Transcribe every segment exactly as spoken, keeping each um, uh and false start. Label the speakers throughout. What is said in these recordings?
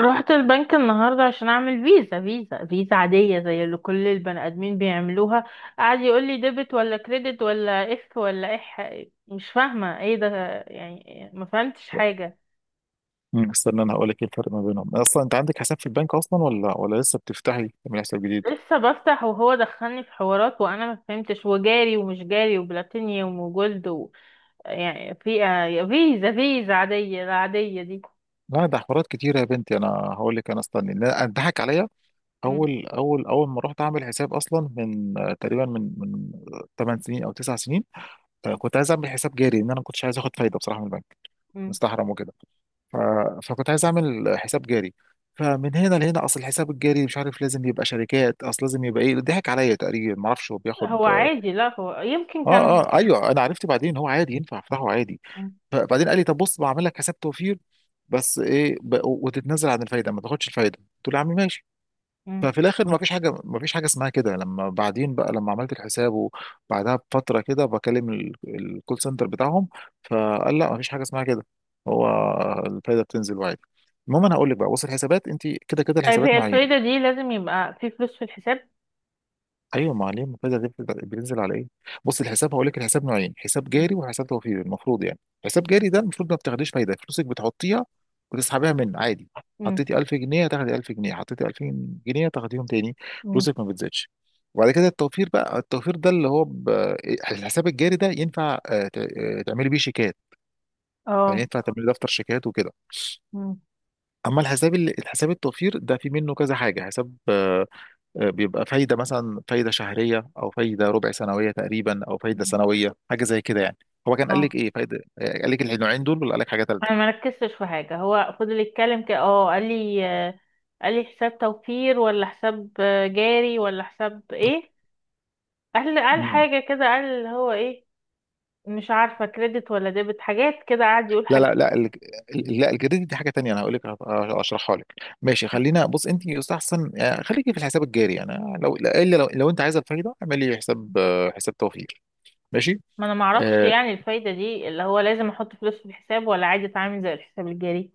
Speaker 1: رحت البنك النهاردة عشان أعمل فيزا فيزا فيزا عادية زي اللي كل البني آدمين بيعملوها. قعد يقول لي ديبت ولا كريدت ولا اف ولا اح مش فاهمة ايه ده. يعني ما فهمتش حاجة.
Speaker 2: مم. استنى، انا هقول لك ايه الفرق ما بينهم اصلا. انت عندك حساب في البنك اصلا، ولا ولا لسه بتفتحي تعملي حساب جديد؟
Speaker 1: لسه بفتح وهو دخلني في حوارات وأنا ما فهمتش، وجاري ومش جاري وبلاتينيوم وجولد و... يعني في آه، فيزا فيزا عادية العادية دي.
Speaker 2: لا، ده حوارات كتيره يا بنتي، انا هقول لك. انا استني، لا اتضحك عليا.
Speaker 1: مم.
Speaker 2: اول اول اول ما رحت اعمل حساب اصلا من آه، تقريبا من من 8 سنين او 9 سنين. آه، كنت عايز اعمل حساب جاري لان انا ما كنتش عايز اخد فايده بصراحه من البنك.
Speaker 1: مم.
Speaker 2: مستحرم وكده. ف... فكنت عايز اعمل حساب جاري. فمن هنا لهنا، اصل الحساب الجاري مش عارف لازم يبقى شركات، اصل لازم يبقى ايه، ضحك عليا تقريبا، ما اعرفش هو بياخد
Speaker 1: هو
Speaker 2: آه،
Speaker 1: عادي، لا هو يمكن
Speaker 2: اه
Speaker 1: كان.
Speaker 2: اه ايوه. انا عرفت بعدين إن هو عادي ينفع افتحه عادي.
Speaker 1: مم.
Speaker 2: فبعدين قال لي: طب بص بعمل لك حساب توفير، بس ايه، ب... وتتنازل عن الفايده، ما تاخدش الفايده. قلت له: يا عم ماشي.
Speaker 1: مم.
Speaker 2: ففي الاخر، ما فيش حاجه، ما فيش حاجه اسمها كده. لما بعدين بقى، لما عملت الحساب وبعدها بفتره كده، بكلم ال- الكول سنتر بتاعهم، فقال: لا ما فيش حاجه اسمها كده. هو الفايده بتنزل وعادي. المهم انا هقول لك بقى، بص، الحسابات انت كده كده،
Speaker 1: طيب،
Speaker 2: الحسابات
Speaker 1: هي
Speaker 2: نوعين.
Speaker 1: الفايدة دي لازم يبقى في فلوس في الحساب؟
Speaker 2: ايوه ما عليه. المنتدى ده بيبقى- بينزل على ايه. بص الحساب، هقول لك الحساب نوعين: حساب جاري وحساب توفيري، المفروض يعني. حساب جاري ده المفروض ما بتاخديش فايده، فلوسك بتحطيها وتسحبيها من عادي.
Speaker 1: مم.
Speaker 2: حطيتي ألف جنيه هتاخدي ألف جنيه، حطيتي ألفين جنيه هتاخديهم تاني،
Speaker 1: مم.
Speaker 2: فلوسك ما بتزيدش. وبعد كده التوفير بقى. التوفير ده اللي هو ب... إيه، الحساب الجاري ده ينفع آه، ت- آه، تعملي بيه شيكات، يعني
Speaker 1: اه.
Speaker 2: ينفع تعملي دفتر شيكات وكده.
Speaker 1: مم.
Speaker 2: اما الحساب ال- الحساب التوفير ده في منه كذا حاجه، حساب آه، آه، بيبقى فايدة، مثلا فايدة شهرية أو فايدة ربع سنوية تقريبا أو فايدة
Speaker 1: مم.
Speaker 2: سنوية، حاجة زي كده يعني. هو كان قال لك
Speaker 1: اه،
Speaker 2: إيه فايدة؟ آه، قال لك النوعين دول ولا قال لك حاجة تالتة؟
Speaker 1: انا ما ركزتش في حاجه، هو فضل يتكلم كده. اه قال لي، آه، قال لي حساب توفير ولا حساب آه، جاري ولا حساب ايه. قال قال
Speaker 2: مم.
Speaker 1: حاجه كده، قال هو ايه. مش عارفه، كريدت ولا ديبت، حاجات كده قعد يقول
Speaker 2: لا
Speaker 1: حاجات.
Speaker 2: لا لا، ال- ال- لا، الجديد دي حاجة تانية، أنا هقول لك أشرحها لك. ماشي خلينا بص، أنت يستحسن يعني خليكي في الحساب الجاري يعني، لو إلا لو, لو أنت عايزة الفايدة اعملي حساب آه، حساب توفير. ماشي.
Speaker 1: ما انا ما اعرفش
Speaker 2: آه،
Speaker 1: يعني الفايده دي اللي هو لازم احط فلوس في الحساب ولا عادي اتعامل زي الحساب الجاري؟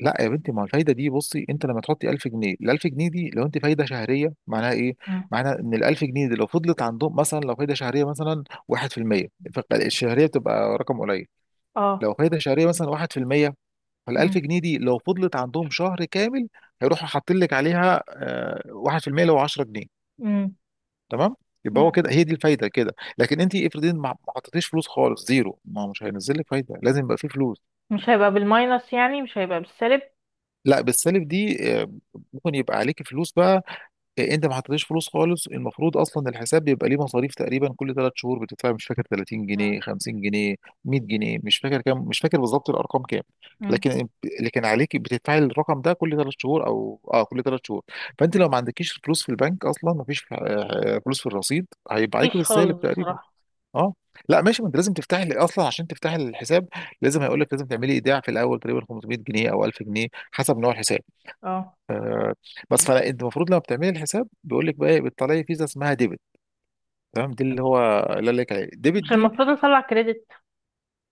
Speaker 2: لا يا بنتي، ما هو الفايده دي بصي، انت لما تحطي ألف جنيه، ال ألف جنيه دي لو انت فايده شهريه معناها ايه؟
Speaker 1: مم.
Speaker 2: معناها ان ال ألف جنيه دي لو فضلت عندهم، مثلا لو فايده شهريه مثلا واحد في المية، فالشهريه بتبقى رقم قليل.
Speaker 1: اه.
Speaker 2: لو فايده شهريه مثلا واحد في المية، فال 1000
Speaker 1: مم.
Speaker 2: جنيه دي لو فضلت عندهم شهر كامل، هيروحوا حاطين لك عليها آه، واحد في المية لو عشرة جنيه.
Speaker 1: مم.
Speaker 2: تمام؟ يبقى هو
Speaker 1: مم.
Speaker 2: كده. هي دي الفايده كده، لكن انت افرضي ما ما حطيتيش فلوس خالص، زيرو، ما هو مش هينزل لك فايده، لازم يبقى فيه فلوس.
Speaker 1: مش هيبقى بالماينس؟ يعني مش هيبقى بالسالب؟
Speaker 2: لا، بالسالب دي آه، ممكن يبقى عليكي فلوس بقى، إيه، انت ما حطيتش فلوس خالص. المفروض اصلا الحساب بيبقى ليه مصاريف تقريبا كل ثلاث شهور، بتدفع مش فاكر ثلاثين جنيه، خمسين جنيه، مية جنيه، مش فاكر كام، مش فاكر بالظبط الارقام كام.
Speaker 1: مم.
Speaker 2: لكن لكن عليك بتدفعي الرقم ده كل ثلاث شهور او اه كل ثلاث شهور. فانت لو ما عندكيش فلوس في البنك اصلا، ما فيش آه، آه، فلوس في الرصيد، هيبقى عليك
Speaker 1: مفيش خالص
Speaker 2: بالسالب تقريبا.
Speaker 1: بصراحة.
Speaker 2: اه. لا ماشي، ما انت لازم تفتحي اصلا. عشان تفتحي الحساب لازم، هيقول لك لازم تعملي ايداع في الاول تقريبا خمسمية جنيه او ألف جنيه حسب نوع الحساب.
Speaker 1: اه.
Speaker 2: آه، بس فانت المفروض لما بتعملي الحساب بيقول لك بقى إيه، بتطلعي فيزا اسمها ديبت. تمام، دي اللي هو اللي قال لك عليه ديبت
Speaker 1: مش
Speaker 2: دي.
Speaker 1: المفروض نطلع كريدت؟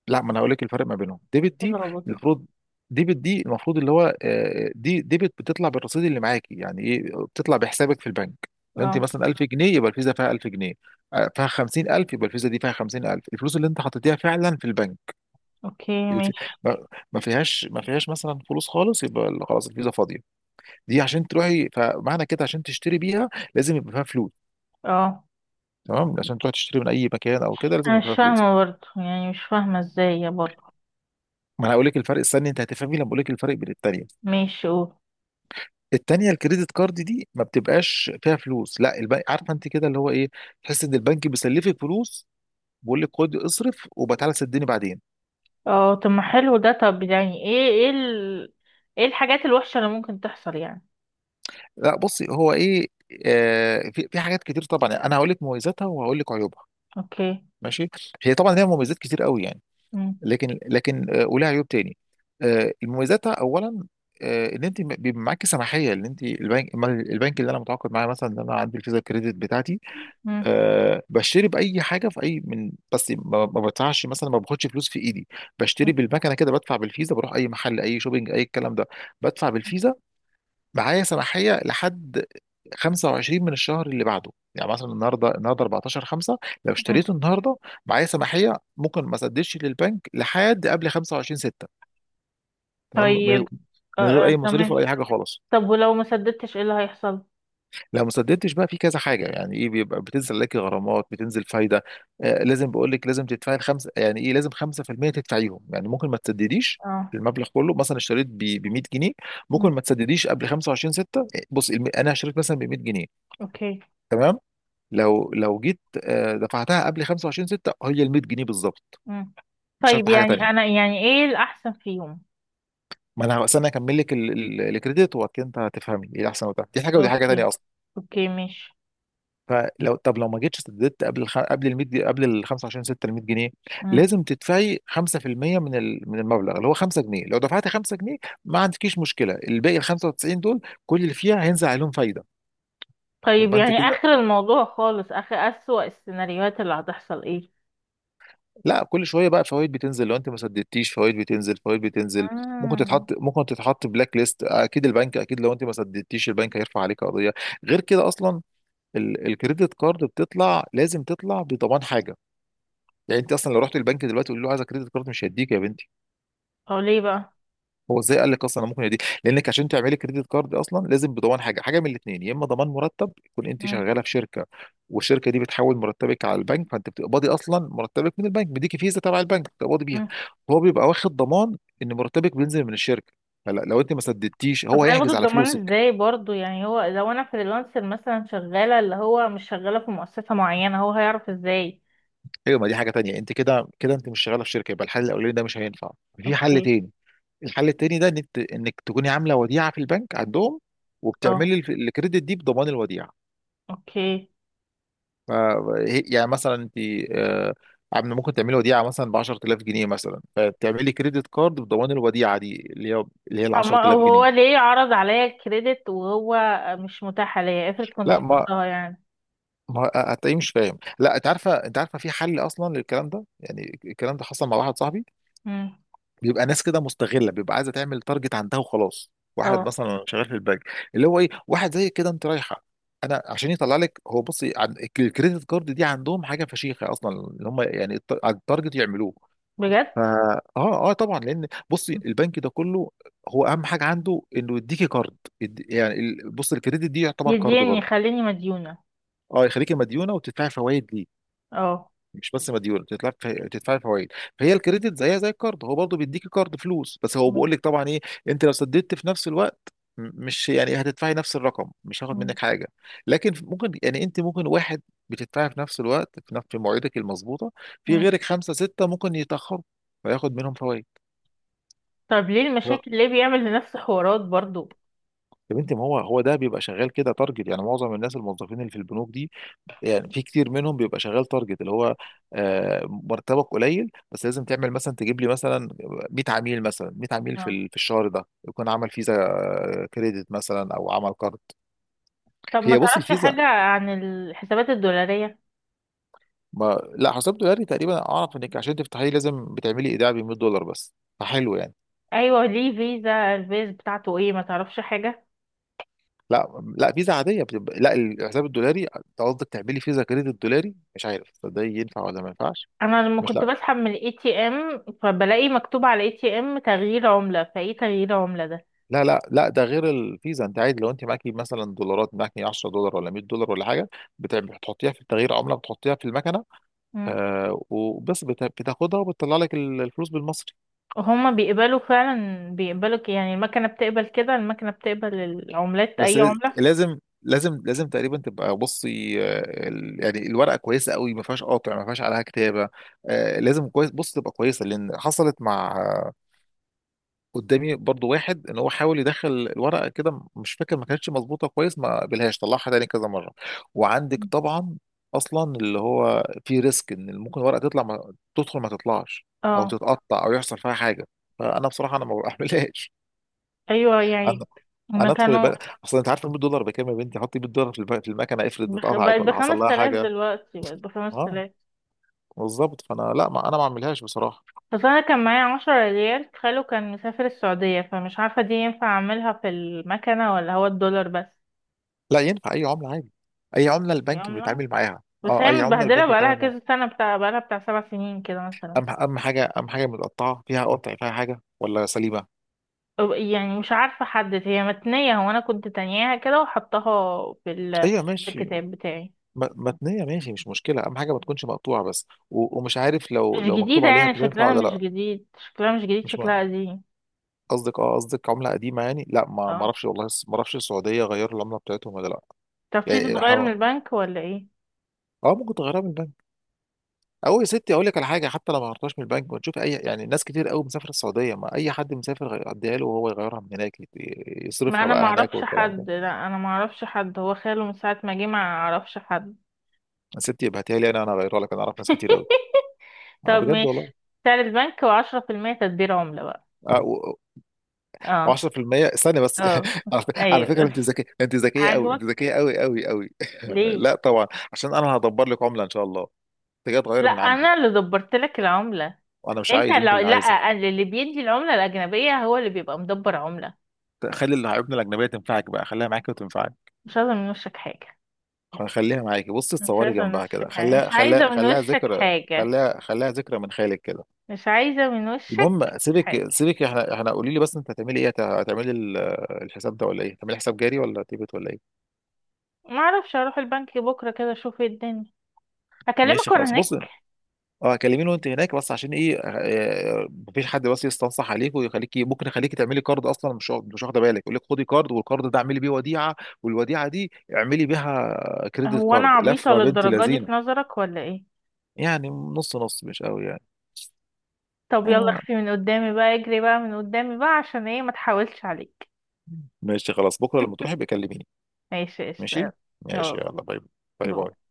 Speaker 2: لا ما انا هقول لك الفرق ما بينهم. ديبت دي
Speaker 1: الروبوت ده.
Speaker 2: المفروض ديبت دي المفروض اللي هو آه، دي ديبت بتطلع بالرصيد اللي معاكي، يعني ايه؟ بتطلع بحسابك في البنك. لو انت
Speaker 1: اه.
Speaker 2: مثلا ألف جنيه يبقى الفيزا فيها ألف جنيه. آه، فيها خمسين ألف يبقى الفيزا دي فيها خمسين ألف، الفلوس اللي انت حطيتيها فعلا في البنك.
Speaker 1: اوكي
Speaker 2: الف...
Speaker 1: ماشي.
Speaker 2: ما ما فيهاش ما فيهاش مثلا فلوس خالص، يبقى خلاص الفيزا فاضيه. دي عشان تروحي، فمعنى كده، عشان تشتري بيها لازم يبقى فيها فلوس.
Speaker 1: اه.
Speaker 2: تمام، عشان تروح تشتري من اي مكان او كده لازم
Speaker 1: انا
Speaker 2: يبقى
Speaker 1: مش
Speaker 2: فيها فلوس.
Speaker 1: فاهمة برضه، يعني مش فاهمة ازاي يا برضه.
Speaker 2: ما انا هقول لك الفرق، استني انت هتفهمي لما اقول لك الفرق بين التانيه.
Speaker 1: ماشي قول.
Speaker 2: التانيه الكريدت كارد دي ما بتبقاش فيها فلوس، لا، البنك عارفه انت كده اللي هو ايه، تحس ان البنك بيسلفك فلوس، بيقول لك خد اصرف وبتعالى سدني بعدين.
Speaker 1: اه طب ما حلو ده. طب يعني ايه ايه ال... ايه الحاجات الوحشة اللي ممكن تحصل يعني؟
Speaker 2: لا بصي هو ايه، آه في في حاجات كتير طبعا. انا هقول لك مميزاتها وهقول لك عيوبها.
Speaker 1: اوكي.
Speaker 2: ماشي. هي طبعا ليها مميزات كتير قوي يعني،
Speaker 1: مم.
Speaker 2: لكن لكن آه، ولها عيوب تاني. آه، مميزاتها اولا: آه، ان انت بيبقى معاكي سماحيه ان انت البنك، البنك اللي انا متعاقد معاه مثلا، ان انا عندي الفيزا كريدت بتاعتي.
Speaker 1: مم.
Speaker 2: أه بشتري باي حاجه في اي من، بس ما ما بدفعش مثلا، ما باخدش فلوس في ايدي، بشتري
Speaker 1: مم.
Speaker 2: بالمكنه كده، بدفع بالفيزا، بروح اي محل، اي شوبينج، اي الكلام ده، بدفع بالفيزا. معايا سماحية لحد خمسة وعشرين من الشهر اللي بعده، يعني مثلا النهارده، النهارده أربعتاشر خمسة، لو
Speaker 1: مم.
Speaker 2: اشتريته النهارده، معايا سماحية ممكن ما اسددش للبنك لحد قبل خمسة وعشرين ستة. تمام، من غ-
Speaker 1: طيب. آه
Speaker 2: من غير اي
Speaker 1: آه
Speaker 2: مصاريف ولا
Speaker 1: تمام.
Speaker 2: اي حاجه خالص.
Speaker 1: طب ولو ما سددتش ايه اللي هيحصل؟
Speaker 2: لو ما سددتش بقى في كذا حاجه، يعني ايه، بيبقى بتنزل لك غرامات، بتنزل فايده، آه لازم بقول لك، لازم تدفعي الخمسه، يعني ايه، لازم خمسة في المية تدفعيهم. يعني ممكن ما تسدديش
Speaker 1: اه.
Speaker 2: المبلغ كله، مثلا اشتريت ب مية جنيه، ممكن
Speaker 1: مم.
Speaker 2: ما تسدديش قبل خمسة وعشرين ستة. بص، الم- انا اشتريت مثلا ب مية جنيه،
Speaker 1: اوكي.
Speaker 2: تمام؟ لو لو جيت آه، دفعتها قبل خمسة وعشرين ستة، هي ال مية جنيه بالظبط،
Speaker 1: مم.
Speaker 2: مش
Speaker 1: طيب
Speaker 2: هدفع حاجه
Speaker 1: يعني
Speaker 2: تانيه.
Speaker 1: انا يعني ايه الاحسن فيهم؟
Speaker 2: ما انا بس انا هكمل لك ال- ال- الكريدت وبعد كده انت هتفهمي ايه احسن وبتاع، دي حاجه ودي حاجه
Speaker 1: اوكي.
Speaker 2: تانيه اصلا.
Speaker 1: اوكي ماشي.
Speaker 2: فلو طب لو ما جيتش سددت قبل الخ... قبل ال مية جنيه، قبل ال خمسة وعشرين ستة ال مية جنيه،
Speaker 1: مم.
Speaker 2: لازم تدفعي خمسة في المية من ال... من المبلغ اللي هو خمسة جنيه. لو دفعتي خمسة جنيه ما عندكيش مشكله، الباقي ال خمسة وتسعين دول كل اللي فيها هينزل عليهم فايده،
Speaker 1: طيب
Speaker 2: يبقى انت
Speaker 1: يعني
Speaker 2: كده.
Speaker 1: اخر الموضوع خالص، اخر اسوأ السيناريوهات اللي هتحصل ايه؟
Speaker 2: لا، كل شويه بقى فوائد بتنزل، لو انت ما سددتيش فوائد بتنزل، فوائد بتنزل. ممكن
Speaker 1: امم.
Speaker 2: تتحط ممكن تتحط بلاك ليست، اكيد البنك، اكيد لو انت ما سددتيش البنك هيرفع عليك قضيه. غير كده اصلا، ال- الكريدت كارد بتطلع، لازم تطلع بضمان حاجه. يعني انت اصلا لو رحت البنك دلوقتي تقول له عايز كريدت كارد، مش هيديك يا بنتي.
Speaker 1: هو ليه بقى؟
Speaker 2: هو ازاي قال لك اصلا انا ممكن يدي! لانك عشان تعملي كريدت كارد اصلا لازم بضمان حاجه، حاجه من الاثنين: يا اما ضمان مرتب، يكون انت
Speaker 1: مم.
Speaker 2: شغاله في شركه والشركه دي بتحول مرتبك على البنك، فانت بتقبضي اصلا مرتبك من البنك، بيديكي فيزا تبع البنك بتقبضي بيها.
Speaker 1: مم.
Speaker 2: هو بيبقى واخد ضمان ان مرتبك بينزل من الشركه، فلا لو انت ما سددتيش
Speaker 1: طب
Speaker 2: هو
Speaker 1: هياخدوا
Speaker 2: هيحجز على
Speaker 1: الضمان
Speaker 2: فلوسك.
Speaker 1: ازاي برضو؟ يعني هو لو انا فريلانسر مثلا، شغالة اللي هو مش شغالة في مؤسسة معينة، هو هيعرف ازاي؟
Speaker 2: ايوه ما دي حاجه تانيه، انت كده كده انت مش شغاله في شركه، يبقى الحل الاولاني ده مش هينفع، في حل
Speaker 1: اوكي.
Speaker 2: تاني. الحل التاني ده انك، انك تكوني عامله وديعه في البنك عندهم،
Speaker 1: اه.
Speaker 2: وبتعملي الف- الكريدت دي بضمان الوديعه.
Speaker 1: اوكي.
Speaker 2: ما- هي- يعني مثلا انت آه، عم- ممكن تعملي وديعه مثلا ب عشر آلاف جنيه مثلا، فتعملي كريدت كارد بضمان الوديعه دي اللي هي اللي هي ال
Speaker 1: طب ما
Speaker 2: عشر آلاف جنيه.
Speaker 1: هو ليه عرض عليا الكريدت وهو مش متاح ليا؟ افرض كنت
Speaker 2: لا ما
Speaker 1: اخترتها يعني.
Speaker 2: ما هتلاقيه مش فاهم. لا انت عارفه، انت عارفه في حل اصلا للكلام ده. يعني الكلام ده حصل مع واحد صاحبي،
Speaker 1: امم.
Speaker 2: بيبقى ناس كده مستغله، بيبقى عايزه تعمل تارجت عندها وخلاص. واحد
Speaker 1: اه.
Speaker 2: مثلا شغال في البنك اللي هو ايه، واحد زي كده انت رايحه، انا عشان يطلع لك. هو بصي عن- الكريدت كارد دي عندهم حاجه فشيخه اصلا اللي هم يعني، الت- على التارجت يعملوه.
Speaker 1: بجد؟
Speaker 2: فا اه اه طبعا، لان بصي البنك ده كله هو اهم حاجه عنده انه يديكي كارد، يد- يعني ال- بص الكريدت دي يعتبر كارد
Speaker 1: يديني
Speaker 2: برضه.
Speaker 1: خليني مديونة.
Speaker 2: اه يخليكي مديونه وتدفعي فوائد ليه،
Speaker 1: اه.
Speaker 2: مش بس مديونه، تدفعي، تدفعي فوائد. فهي الكريدت زيها زي الكارد، هو برضه بيديكي كارد فلوس، بس هو بيقول
Speaker 1: مم.
Speaker 2: لك طبعا ايه، انت لو سددت في نفس الوقت، م- مش يعني هتدفعي نفس الرقم، مش هاخد منك حاجه. لكن ممكن يعني انت ممكن واحد بتدفعي في نفس الوقت، في نفس في مواعيدك المظبوطه، في
Speaker 1: مم.
Speaker 2: غيرك خمسه سته ممكن يتاخروا فياخد منهم فوائد.
Speaker 1: طب ليه المشاكل؟ ليه بيعمل لنفسه حوارات برضو؟
Speaker 2: يا بنتي ما هو هو ده بيبقى شغال كده تارجت، يعني معظم الناس الموظفين اللي في البنوك دي، يعني في كتير منهم بيبقى شغال تارجت اللي هو آه، مرتبك قليل بس لازم تعمل مثلا تجيب لي مثلا مية عميل، مثلا مية عميل في
Speaker 1: آه.
Speaker 2: ال- في الشهر ده يكون عمل فيزا آه، كريدت مثلا او عمل كارد.
Speaker 1: طب ما
Speaker 2: هي بص
Speaker 1: تعرفش
Speaker 2: الفيزا.
Speaker 1: حاجة عن الحسابات الدولارية؟
Speaker 2: ما لا، حساب دولاري تقريبا اعرف انك عشان تفتحيه لازم بتعملي ايداع ب مية دولار بس، فحلو يعني.
Speaker 1: ايوه، ليه فيزا الفيز بتاعته ايه؟ ما تعرفش حاجة.
Speaker 2: لا لا فيزا عاديه بتبقى، لا الحساب الدولاري أنت قصدك تعملي فيزا كريدت دولاري، مش عارف ده ينفع ولا ما ينفعش.
Speaker 1: انا لما
Speaker 2: مش
Speaker 1: كنت بسحب من الاي تي ام فبلاقي مكتوب على الاي تي ام تغيير عملة، فايه تغيير عملة ده؟
Speaker 2: لا لا لا ده غير الفيزا، انت عادي لو انت معاكي مثلا دولارات، معاكي عشرة دولار ولا مية دولار ولا حاجه. بت- بتحطيها في تغيير عمله، بتحطيها في المكنه
Speaker 1: مم.
Speaker 2: آه وبس، بت- بتاخدها وبتطلع لك ال- الفلوس بالمصري.
Speaker 1: وهما بيقبلوا فعلا؟ بيقبلوا ك- يعني المكنة بتقبل كده؟ المكنة بتقبل العملات؟
Speaker 2: بس
Speaker 1: اي
Speaker 2: لاز-
Speaker 1: عملة؟
Speaker 2: لازم لازم لازم تقريبا تبقى بصي آه، ال- يعني الورقه كويسه قوي، ما فيهاش قاطع، ما فيهاش عليها كتابه، آه لازم كويس بص تبقى كويسه، لان حصلت مع قدامي برضو واحد ان هو حاول يدخل الورقه كده، مش فاكر ما كانتش مظبوطه كويس، ما قبلهاش طلعها تاني كذا مره، وعندك
Speaker 1: مم.
Speaker 2: طبعا اصلا اللي هو في ريسك ان ممكن الورقه تطلع، ما تدخل ما تطلعش، او
Speaker 1: اه.
Speaker 2: تتقطع او يحصل فيها حاجه. فانا بصراحه انا ما بعملهاش.
Speaker 1: ايوه
Speaker 2: انا،
Speaker 1: يعني. هما
Speaker 2: انا ادخل
Speaker 1: كانوا
Speaker 2: البنك اصلا، انت عارف ال مية دولار بكام يا بنتي؟ حطي مية دولار في الب- في المكنه افرض
Speaker 1: بخ...
Speaker 2: اتقطعت
Speaker 1: بقت
Speaker 2: ولا حصل
Speaker 1: بخمس
Speaker 2: لها
Speaker 1: تلاف
Speaker 2: حاجه.
Speaker 1: دلوقتي، بقت بخمس
Speaker 2: اه
Speaker 1: تلاف.
Speaker 2: بالظبط، فانا لا، ما انا ما اعملهاش بصراحه.
Speaker 1: اصل انا كان معايا عشرة ريال، خاله كان مسافر السعودية، فمش عارفة دي ينفع اعملها في المكنة ولا هو الدولار بس.
Speaker 2: لا ينفع اي عمله عادي، اي عمله
Speaker 1: دي
Speaker 2: البنك
Speaker 1: عملة،
Speaker 2: بيتعامل معاها،
Speaker 1: بس
Speaker 2: اه
Speaker 1: هي
Speaker 2: اي عمله البنك
Speaker 1: متبهدلة بقالها
Speaker 2: بيتعامل معاها.
Speaker 1: كذا سنة بتاع بقالها بتاع سبع سنين كده مثلا.
Speaker 2: أهم، أهم حاجة أهم حاجة متقطعة فيها، قطع فيها حاجة ولا سليمة؟
Speaker 1: أو- يعني مش عارفة احدد هي متنية، هو انا كنت تانياها كده وحطاها في ال-
Speaker 2: أيوة
Speaker 1: في
Speaker 2: ماشي.
Speaker 1: الكتاب بتاعي.
Speaker 2: م- متنية ماشي، مش مشكلة، أهم حاجة ما تكونش مقطوعة بس، و- ومش عارف لو
Speaker 1: مش
Speaker 2: لو مكتوب
Speaker 1: جديدة
Speaker 2: عليها
Speaker 1: يعني،
Speaker 2: بتنفع
Speaker 1: شكلها
Speaker 2: ولا
Speaker 1: مش
Speaker 2: لأ.
Speaker 1: جديد، شكلها مش جديد،
Speaker 2: مش
Speaker 1: شكلها
Speaker 2: مع-
Speaker 1: قديم.
Speaker 2: قصدك اه، قصدك عملة قديمة يعني؟ لا ما ما
Speaker 1: اه.
Speaker 2: اعرفش والله، ما اعرفش السعودية غيروا العملة بتاعتهم ولا لأ.
Speaker 1: طب تيجي
Speaker 2: يعني
Speaker 1: تتغير
Speaker 2: ح-
Speaker 1: من البنك ولا ايه؟
Speaker 2: اه ممكن تغيرها من البنك، او يا ستي اقول لك على حاجه، حتى لو ما غيرتهاش من البنك ونشوف اي، يعني ناس كتير قوي مسافره السعوديه، ما اي حد مسافر غي- اديها له وهو يغيرها من هناك، يت-
Speaker 1: ما
Speaker 2: يصرفها
Speaker 1: انا
Speaker 2: بقى هناك
Speaker 1: معرفش
Speaker 2: والكلام ده.
Speaker 1: حد، لا انا معرفش حد، هو خاله من ساعة ما جه، معرفش حد.
Speaker 2: يا ستي ابعتيها لي انا، انا اغيرها لك، انا اعرف ناس كتير قوي. اه
Speaker 1: طب
Speaker 2: بجد والله.
Speaker 1: ماشي. سعر البنك وعشرة في المية تدبير عملة بقى.
Speaker 2: وعشرة في المية.
Speaker 1: اه
Speaker 2: استنى بس
Speaker 1: اه
Speaker 2: على فك- على فكره
Speaker 1: ايوه.
Speaker 2: انت ذكيه، انت ذكيه قوي، انت
Speaker 1: عاجبك؟
Speaker 2: ذكيه قوي قوي قوي.
Speaker 1: ليه؟
Speaker 2: لا طبعا. عشان انا هدبر لك عمله ان شاء الله، انت جاي تغير
Speaker 1: لا
Speaker 2: من عندي.
Speaker 1: انا اللي دبرت لك العملة.
Speaker 2: وانا مش
Speaker 1: انت
Speaker 2: عايز، انت
Speaker 1: لو
Speaker 2: اللي
Speaker 1: لا
Speaker 2: عايزه.
Speaker 1: أنا اللي بيدي العملة الأجنبية هو اللي بيبقى مدبر عملة.
Speaker 2: خلي العيوبنا الاجنبيه تنفعك بقى، خليها معاكي وتنفعك.
Speaker 1: مش عايزة من وشك حاجة،
Speaker 2: خليها معاكي بصي،
Speaker 1: مش
Speaker 2: تصوري
Speaker 1: عايزة من
Speaker 2: جنبها كده،
Speaker 1: وشك حاجة، مش
Speaker 2: خليها خليها
Speaker 1: عايزة من
Speaker 2: خليها
Speaker 1: وشك
Speaker 2: ذكرى.
Speaker 1: حاجة،
Speaker 2: خليها خليها ذكرى من خيالك كده.
Speaker 1: مش عايزة من وشك
Speaker 2: المهم
Speaker 1: حاجة.
Speaker 2: سيبك سيبك، احنا احنا قولي لي بس انت هتعملي ايه، هت- هتعملي ال- الحساب ده ولا ايه، هتعملي حساب جاري ولا تيبت ولا ايه؟
Speaker 1: معرفش، اروح البنك بكرة كده اشوف ايه الدنيا.
Speaker 2: ماشي
Speaker 1: اكلمك وانا
Speaker 2: خلاص بص،
Speaker 1: هناك.
Speaker 2: اه كلميني وانت هناك بس، عشان ايه آه، مفيش حد بس يستنصح عليك ويخليكي، ممكن يخليكي تعملي كارد اصلا مش واخد- مش واخده بالك، يقول لك خدي كارد والكارد ده اعملي بيه وديعه والوديعه دي اعملي بيها كريدت
Speaker 1: هو انا
Speaker 2: كارد،
Speaker 1: عبيطة
Speaker 2: لفه بنت
Speaker 1: للدرجة دي
Speaker 2: لذينه.
Speaker 1: في نظرك ولا ايه؟
Speaker 2: يعني نص نص مش قوي يعني.
Speaker 1: طب يلا
Speaker 2: آه،
Speaker 1: اختي من قدامي بقى، اجري بقى من قدامي بقى، عشان ايه ما تحاولش عليك.
Speaker 2: ماشي خلاص بكره لما تروحي بكلميني.
Speaker 1: ماشي قشطة
Speaker 2: ماشي.
Speaker 1: يلا.
Speaker 2: ماشي
Speaker 1: اه.
Speaker 2: يلا باي. باي
Speaker 1: باي.
Speaker 2: باي.